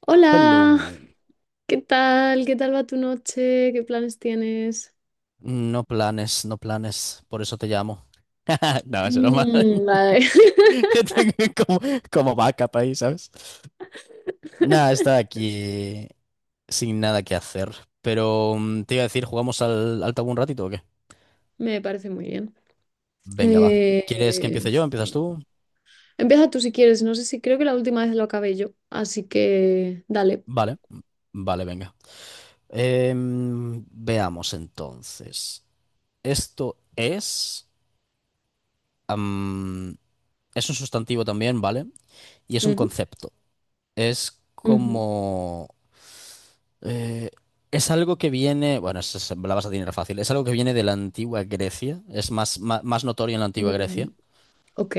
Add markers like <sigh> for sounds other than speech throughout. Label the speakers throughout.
Speaker 1: Hola,
Speaker 2: Hello.
Speaker 1: ¿qué tal? ¿Qué tal va tu noche? ¿Qué planes tienes?
Speaker 2: No planes, no planes, por eso te llamo. <laughs> No, es broma. <laughs>
Speaker 1: Vale. <laughs>
Speaker 2: Yo tengo como backup ahí, ¿sabes? Nada, está aquí sin nada que hacer. Pero te iba a decir, ¿jugamos al tabú un ratito o qué?
Speaker 1: Me parece muy bien.
Speaker 2: Venga, va. ¿Quieres que empiece yo? ¿Empiezas
Speaker 1: Sí.
Speaker 2: tú?
Speaker 1: Empieza tú si quieres. No sé si creo que la última vez lo acabé yo, así que dale.
Speaker 2: Vale, vale, venga. Veamos entonces. Esto am, es un sustantivo también, ¿vale? Y es un
Speaker 1: Ujú,
Speaker 2: concepto. es
Speaker 1: ujú.
Speaker 2: como... eh, es algo que viene, bueno, la vas a tener fácil, es algo que viene de la antigua Grecia, es más, más notorio en la antigua
Speaker 1: Mm,
Speaker 2: Grecia,
Speaker 1: ok.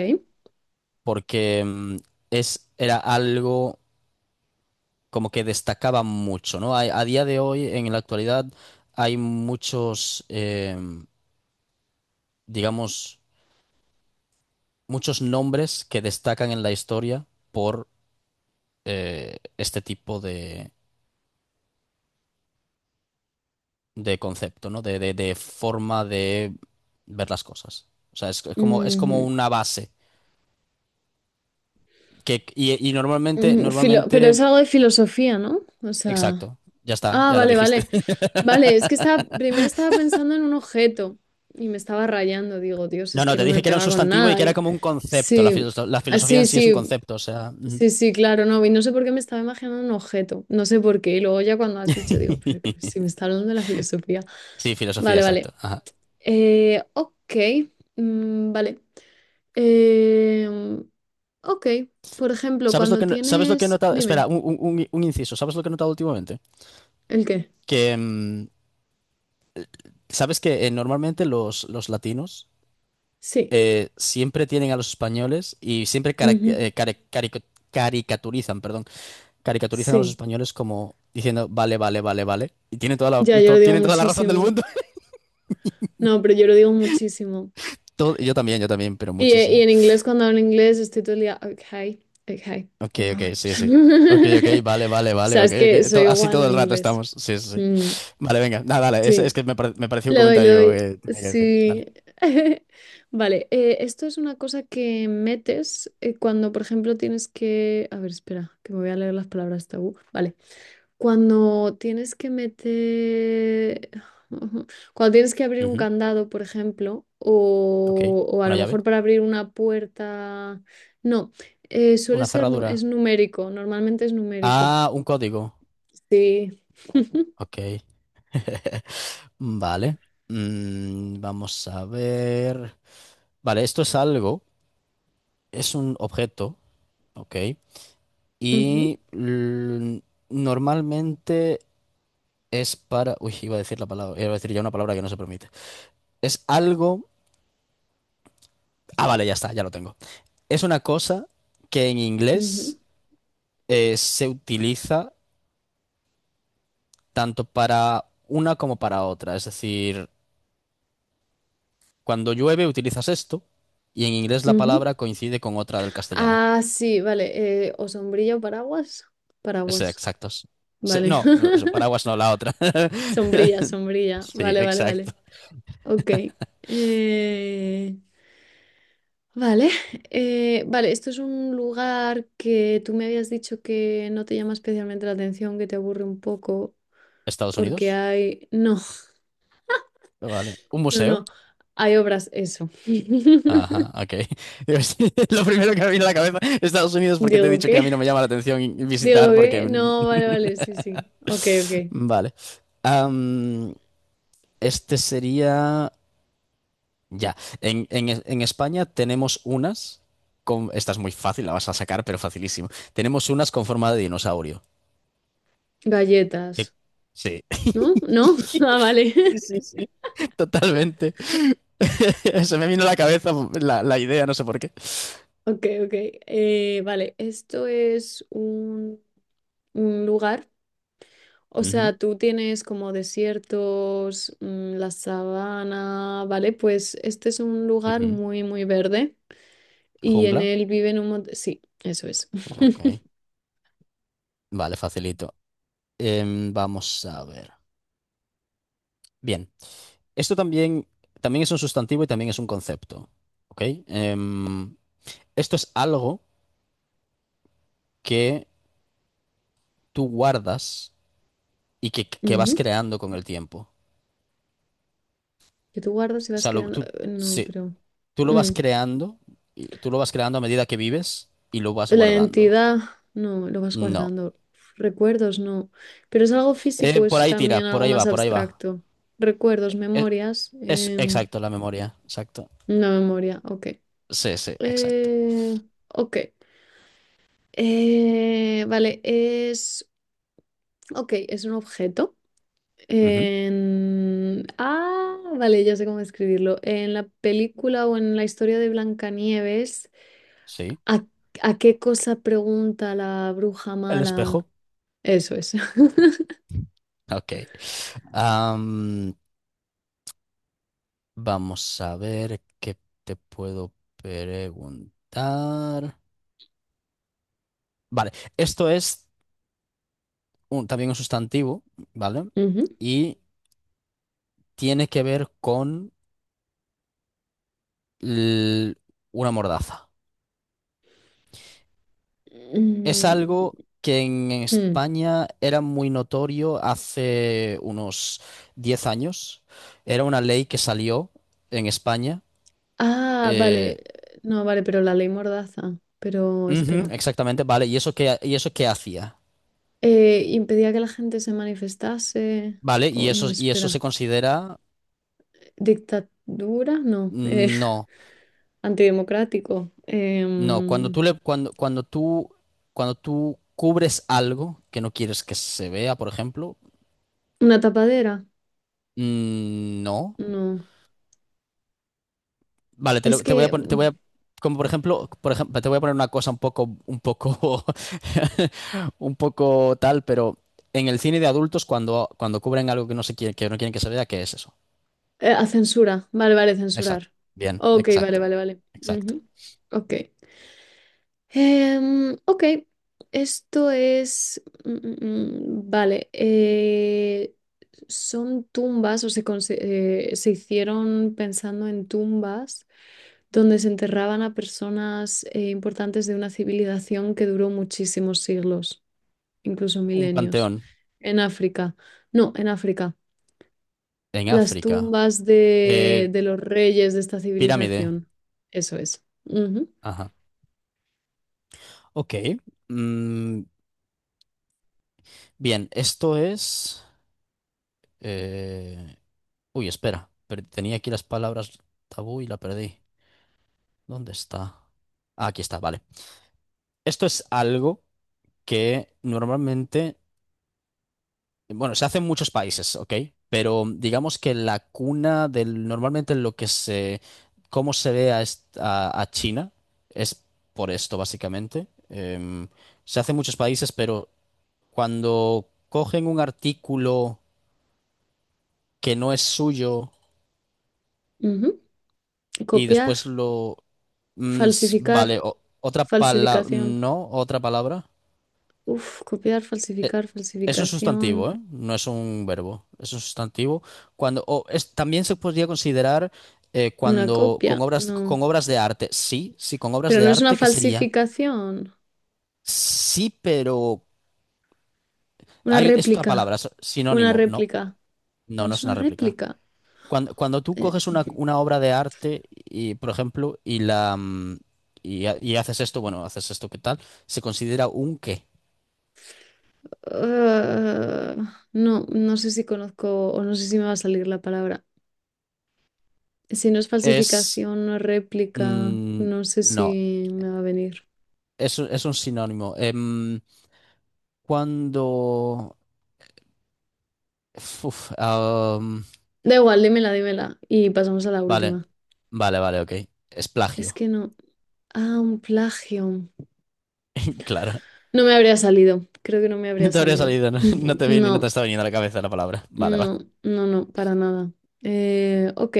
Speaker 2: porque era algo como que destacaba mucho, ¿no? A día de hoy, en la actualidad, hay muchos, digamos, muchos nombres que destacan en la historia por este tipo de concepto, ¿no? De forma de ver las cosas. O sea, es como
Speaker 1: Ujú.
Speaker 2: una base. Que, y normalmente,
Speaker 1: Pero es algo de filosofía, ¿no? O sea.
Speaker 2: exacto, ya está,
Speaker 1: Ah,
Speaker 2: ya la
Speaker 1: vale,
Speaker 2: dijiste.
Speaker 1: vale.
Speaker 2: <laughs>
Speaker 1: Vale, es que estaba, primero estaba pensando en un objeto y me estaba rayando. Digo, Dios,
Speaker 2: No,
Speaker 1: es
Speaker 2: no,
Speaker 1: que
Speaker 2: te
Speaker 1: no me
Speaker 2: dije que era un
Speaker 1: pega con
Speaker 2: sustantivo y
Speaker 1: nada.
Speaker 2: que era como un concepto. La, filo-
Speaker 1: Sí,
Speaker 2: la
Speaker 1: ah,
Speaker 2: filosofía
Speaker 1: sí,
Speaker 2: en sí es un
Speaker 1: sí,
Speaker 2: concepto, o sea. Ujú.
Speaker 1: sí, sí, claro, no. Y no sé por qué me estaba imaginando un objeto. No sé por qué. Y luego ya cuando has dicho, digo, pero que
Speaker 2: <laughs>
Speaker 1: si me está hablando de la filosofía.
Speaker 2: Sí, filosofía,
Speaker 1: Vale, vale.
Speaker 2: exacto. Ajá.
Speaker 1: Ok, vale. Em, ok, por ejemplo,
Speaker 2: ¿Sabes lo
Speaker 1: cuando
Speaker 2: que, no- sabes lo que he
Speaker 1: tienes...
Speaker 2: notado? Espera,
Speaker 1: Dime,
Speaker 2: un inciso. ¿Sabes lo que he notado últimamente?
Speaker 1: ¿el qué?
Speaker 2: Que, mm, ¿Sabes que normalmente los latinos
Speaker 1: Sí.
Speaker 2: siempre tienen a los españoles y siempre cara- eh,
Speaker 1: Ujú,
Speaker 2: care- carico- caricaturizan, perdón, caricaturizan a los
Speaker 1: sí.
Speaker 2: españoles como diciendo, vale, vale, vale, vale? Y tienen toda
Speaker 1: Ya,
Speaker 2: la,
Speaker 1: yo
Speaker 2: to-
Speaker 1: lo digo
Speaker 2: tienen toda la razón del
Speaker 1: muchísimo.
Speaker 2: mundo. <laughs>
Speaker 1: No, pero yo lo digo muchísimo.
Speaker 2: Yo también, yo también, pero
Speaker 1: Y
Speaker 2: muchísimo.
Speaker 1: en inglés, cuando hablo inglés, estoy todo el día, okay, okay,
Speaker 2: Ok, ok,
Speaker 1: right.
Speaker 2: sí, sí. Ok, ok,
Speaker 1: <laughs>
Speaker 2: vale, vale,
Speaker 1: O
Speaker 2: vale,
Speaker 1: sea,
Speaker 2: ok,
Speaker 1: es que
Speaker 2: ok.
Speaker 1: soy
Speaker 2: Así
Speaker 1: igual
Speaker 2: todo
Speaker 1: en
Speaker 2: el rato
Speaker 1: inglés.
Speaker 2: estamos. Sí, sí, sí.
Speaker 1: Mm,
Speaker 2: Vale, venga, nada, dale. Es
Speaker 1: sí,
Speaker 2: que me pareció un
Speaker 1: le doy, le
Speaker 2: comentario
Speaker 1: doy.
Speaker 2: que tenía que decir. Dale.
Speaker 1: Sí. <laughs> Vale, esto es una cosa que metes cuando, por ejemplo, tienes que... A ver, espera, que me voy a leer las palabras tabú. Vale. Cuando tienes que meter, <laughs> cuando tienes que abrir un
Speaker 2: Ujú.
Speaker 1: candado, por ejemplo,
Speaker 2: Ok.
Speaker 1: o a
Speaker 2: ¿Una
Speaker 1: lo
Speaker 2: llave?
Speaker 1: mejor para abrir una puerta, no, suele
Speaker 2: ¿Una
Speaker 1: ser,
Speaker 2: cerradura?
Speaker 1: es numérico, normalmente es numérico.
Speaker 2: Ah, un código.
Speaker 1: Sí.
Speaker 2: Ok. <laughs> Vale. Vamos a ver. Vale, esto es un objeto, ¿ok?
Speaker 1: Ujú,
Speaker 2: Y l- Normalmente es para. Uy, iba a decir la palabra, iba a decir ya una palabra que no se permite. Es algo. Ah, vale, ya está, ya lo tengo. Es una cosa que en
Speaker 1: ujú,
Speaker 2: inglés se utiliza tanto para una como para otra. Es decir, cuando llueve utilizas esto y en inglés la
Speaker 1: ujú.
Speaker 2: palabra coincide con otra del castellano.
Speaker 1: Ah, sí, vale, o sombrilla o paraguas,
Speaker 2: Sí,
Speaker 1: paraguas,
Speaker 2: exactos. Sí,
Speaker 1: vale.
Speaker 2: no, paraguas
Speaker 1: <laughs>
Speaker 2: no, la otra.
Speaker 1: Sombrilla,
Speaker 2: <laughs>
Speaker 1: sombrilla,
Speaker 2: Sí,
Speaker 1: vale, vale,
Speaker 2: exacto.
Speaker 1: vale. Ok. eh, vale. Vale, esto es un lugar que tú me habías dicho que no te llama especialmente la atención, que te aburre un poco,
Speaker 2: Estados
Speaker 1: porque
Speaker 2: Unidos.
Speaker 1: hay... No, <laughs>
Speaker 2: Vale. ¿Un
Speaker 1: no,
Speaker 2: museo?
Speaker 1: no. Hay obras, eso. <laughs>
Speaker 2: Ajá, ok. Digo, <laughs> es Lo primero que me viene a la cabeza, Estados Unidos, porque te he
Speaker 1: Digo,
Speaker 2: dicho que a
Speaker 1: ¿qué?
Speaker 2: mí no me llama la atención
Speaker 1: Digo,
Speaker 2: visitar, porque.
Speaker 1: ¿qué?
Speaker 2: <laughs>
Speaker 1: No, vale, vale, sí, sí. Ok, ok.
Speaker 2: Vale. Am, este sería. Ya. En España tenemos unas con. Esta es muy fácil, la vas a sacar, pero facilísimo. Tenemos unas con forma de dinosaurio. Que-
Speaker 1: Galletas.
Speaker 2: Sí.
Speaker 1: ¿No? ¿No? <laughs>
Speaker 2: <laughs>
Speaker 1: Ah, vale.
Speaker 2: Sí,
Speaker 1: <laughs>
Speaker 2: sí, sí, totalmente. <laughs> Se me vino a la cabeza la idea, no sé por qué.
Speaker 1: Ok, ok. Vale, esto es un lugar. O
Speaker 2: Ujú,
Speaker 1: sea, tú tienes como desiertos, la sabana, ¿vale? Pues este es un lugar
Speaker 2: ujú.
Speaker 1: muy, muy verde y en
Speaker 2: ¿Jungla?
Speaker 1: él viven un montón... Sí, eso es.
Speaker 2: Ok.
Speaker 1: <laughs>
Speaker 2: Vale, facilito. Vamos a ver. Bien. Esto también es un sustantivo y también es un concepto. ¿Ok? Em, Esto es algo que tú guardas y que vas
Speaker 1: Ujú.
Speaker 2: creando con el tiempo.
Speaker 1: Que tú guardas y
Speaker 2: O
Speaker 1: vas
Speaker 2: sea,
Speaker 1: creando...
Speaker 2: tú,
Speaker 1: No,
Speaker 2: sí.
Speaker 1: pero...
Speaker 2: Tú lo vas
Speaker 1: mm,
Speaker 2: creando, y tú lo vas creando a medida que vives y lo vas
Speaker 1: La
Speaker 2: guardando.
Speaker 1: identidad, no, lo vas
Speaker 2: No.
Speaker 1: guardando. Recuerdos, no. Pero es algo físico,
Speaker 2: Por
Speaker 1: es
Speaker 2: ahí tira,
Speaker 1: también
Speaker 2: por
Speaker 1: algo
Speaker 2: ahí
Speaker 1: más
Speaker 2: va, por ahí va.
Speaker 1: abstracto. Recuerdos,
Speaker 2: Es,
Speaker 1: memorias.
Speaker 2: es exacto la memoria, exacto.
Speaker 1: Una memoria, ok.
Speaker 2: Sí, sí, exacto.
Speaker 1: Eh, ok. Vale, es... Ok, es un objeto.
Speaker 2: Ujú.
Speaker 1: Ah, vale, ya sé cómo escribirlo. En la película o en la historia de Blancanieves,
Speaker 2: Sí.
Speaker 1: ¿a, ¿a qué cosa pregunta la bruja
Speaker 2: El
Speaker 1: mala?
Speaker 2: espejo.
Speaker 1: Eso es. <laughs>
Speaker 2: Ok. Am, Vamos a ver qué te puedo preguntar. Vale, esto es también un sustantivo, ¿vale?
Speaker 1: Ujú.
Speaker 2: Y tiene que ver con l- una mordaza. Es algo
Speaker 1: Mm,
Speaker 2: que en
Speaker 1: mm.
Speaker 2: España era muy notorio hace unos 10 años. Era una ley que salió en España.
Speaker 1: Ah, vale.
Speaker 2: eh,
Speaker 1: No, vale, pero la ley Mordaza. Pero
Speaker 2: Ujú,
Speaker 1: espera.
Speaker 2: exactamente, vale. ¿Y eso qué hacía?
Speaker 1: ¿Impedía que la gente se manifestase?
Speaker 2: Vale, y
Speaker 1: O no,
Speaker 2: eso, y eso se
Speaker 1: espera.
Speaker 2: considera.
Speaker 1: ¿Dictadura? No.
Speaker 2: No,
Speaker 1: Antidemocrático.
Speaker 2: no. Cuando tú le, cuando, cuando tú cubres algo que no quieres que se vea, por ejemplo.
Speaker 1: Una tapadera.
Speaker 2: No.
Speaker 1: No.
Speaker 2: Vale, te,
Speaker 1: Es
Speaker 2: lo- te voy a
Speaker 1: que
Speaker 2: poner, como por ejemplo, te voy a poner una cosa un poco, <laughs> un poco tal, pero en el cine de adultos cuando cubren algo que no se quiere, que no quieren que se vea, ¿qué es eso?
Speaker 1: a censura. Vale, vale,
Speaker 2: Exacto.
Speaker 1: censurar.
Speaker 2: Bien,
Speaker 1: Ok, vale,
Speaker 2: exacto,
Speaker 1: vale, vale.
Speaker 2: exacto.
Speaker 1: Ujú. Ok. Ok. Esto es. Vale. Son tumbas o se, se hicieron pensando en tumbas donde se enterraban a personas importantes de una civilización que duró muchísimos siglos, incluso
Speaker 2: Un
Speaker 1: milenios,
Speaker 2: panteón
Speaker 1: en África. No, en África.
Speaker 2: en
Speaker 1: Las
Speaker 2: África.
Speaker 1: tumbas
Speaker 2: Eh,
Speaker 1: de los reyes de esta
Speaker 2: Pirámide.
Speaker 1: civilización. Eso es. Ujú,
Speaker 2: Ajá. Ok. Mm, Bien, esto es. eh, Uy, espera. Tenía aquí las palabras tabú y la perdí. ¿Dónde está? Ah, aquí está, vale. Esto es algo que normalmente, bueno, se hace en muchos países, ¿ok? Pero digamos que la cuna del, normalmente lo que se, cómo se ve a China es por esto, básicamente. Se hace en muchos países, pero cuando cogen un artículo que no es suyo
Speaker 1: ujú.
Speaker 2: y
Speaker 1: Copiar,
Speaker 2: después lo,
Speaker 1: falsificar,
Speaker 2: vale, otra palabra,
Speaker 1: falsificación.
Speaker 2: no, otra palabra.
Speaker 1: Uf, copiar,
Speaker 2: Eh,
Speaker 1: falsificar,
Speaker 2: Es un
Speaker 1: falsificación.
Speaker 2: sustantivo, ¿eh? No es un verbo. Es un sustantivo. Cuando, o es, también se podría considerar
Speaker 1: Una
Speaker 2: cuando con
Speaker 1: copia,
Speaker 2: obras,
Speaker 1: no.
Speaker 2: con obras de arte. Sí, sí, con obras
Speaker 1: Pero
Speaker 2: de
Speaker 1: no es una
Speaker 2: arte, ¿qué sería?
Speaker 1: falsificación.
Speaker 2: Sí, pero
Speaker 1: Una
Speaker 2: hay, es otra
Speaker 1: réplica.
Speaker 2: palabra, es
Speaker 1: Una
Speaker 2: sinónimo. No,
Speaker 1: réplica.
Speaker 2: no,
Speaker 1: No
Speaker 2: no
Speaker 1: es
Speaker 2: es
Speaker 1: una
Speaker 2: una réplica.
Speaker 1: réplica.
Speaker 2: Cuando tú coges
Speaker 1: Eh,
Speaker 2: una obra de arte y, por ejemplo, y haces esto, bueno, haces esto, ¿qué tal? Se considera un qué.
Speaker 1: ah, no, no sé si conozco o no sé si me va a salir la palabra. Si no es
Speaker 2: Es
Speaker 1: falsificación, no es réplica,
Speaker 2: mm,
Speaker 1: no sé
Speaker 2: no,
Speaker 1: si me va a venir.
Speaker 2: es un sinónimo. Cuando. Uf,
Speaker 1: Da igual, dímela, dímela. Y pasamos a la
Speaker 2: vale,
Speaker 1: última.
Speaker 2: vale, vale, ok. Es
Speaker 1: Es
Speaker 2: plagio.
Speaker 1: que no. Ah, un plagio.
Speaker 2: <laughs> Claro.
Speaker 1: No me habría salido. Creo que no me
Speaker 2: No
Speaker 1: habría
Speaker 2: te habría
Speaker 1: salido.
Speaker 2: salido, no, no
Speaker 1: <laughs>
Speaker 2: te viene, no te
Speaker 1: No,
Speaker 2: está viniendo a la cabeza la palabra. Vale, vale.
Speaker 1: no, no, no, para nada. Ok.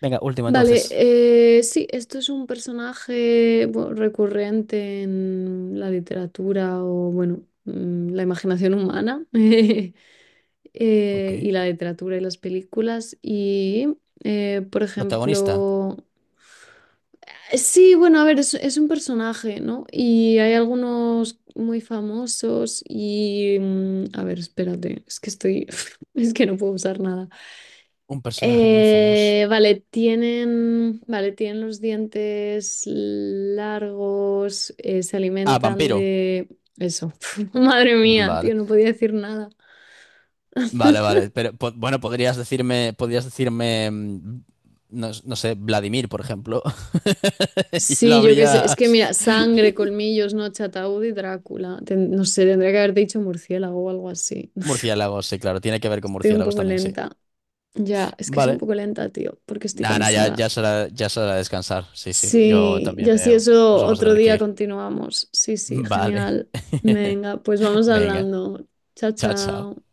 Speaker 2: Venga, último
Speaker 1: Vale,
Speaker 2: entonces.
Speaker 1: sí, esto es un personaje bueno, recurrente en la literatura o, bueno, la imaginación humana. <laughs>
Speaker 2: Ok.
Speaker 1: Y la literatura y las películas. Y, por
Speaker 2: Protagonista.
Speaker 1: ejemplo, sí, bueno, a ver, es un personaje, ¿no? Y hay algunos muy famosos y, a ver, espérate, es que estoy, <laughs> es que no puedo usar nada.
Speaker 2: Un personaje muy famoso.
Speaker 1: Vale, tienen los dientes largos, se
Speaker 2: Ah,
Speaker 1: alimentan
Speaker 2: vampiro.
Speaker 1: de... Eso, <laughs> madre mía, tío,
Speaker 2: Vale,
Speaker 1: no podía decir nada.
Speaker 2: vale, vale. Pero bueno, podrías decirme, no, no sé, Vladimir, por ejemplo. <laughs> Y lo
Speaker 1: Sí, yo qué sé. Es que mira,
Speaker 2: habrías.
Speaker 1: sangre, colmillos, noche, ataúd y Drácula. No sé, tendría que haber dicho murciélago o algo así. <laughs>
Speaker 2: Murciélagos, sí, claro. Tiene que ver con
Speaker 1: Estoy un
Speaker 2: murciélagos
Speaker 1: poco
Speaker 2: también, sí.
Speaker 1: lenta. Ya, es que soy un
Speaker 2: Vale.
Speaker 1: poco lenta, tío, porque estoy
Speaker 2: Nada, ya,
Speaker 1: cansada.
Speaker 2: ya es hora, ya es hora de descansar. Sí, sí,
Speaker 1: Sí, ya si eso
Speaker 2: nos vamos a
Speaker 1: otro
Speaker 2: tener que
Speaker 1: día
Speaker 2: ir.
Speaker 1: continuamos. Sí, sí,
Speaker 2: Vale.
Speaker 1: genial.
Speaker 2: <laughs>
Speaker 1: Venga, pues vamos
Speaker 2: Venga,
Speaker 1: hablando. Chao,
Speaker 2: chao,
Speaker 1: chao.
Speaker 2: chao.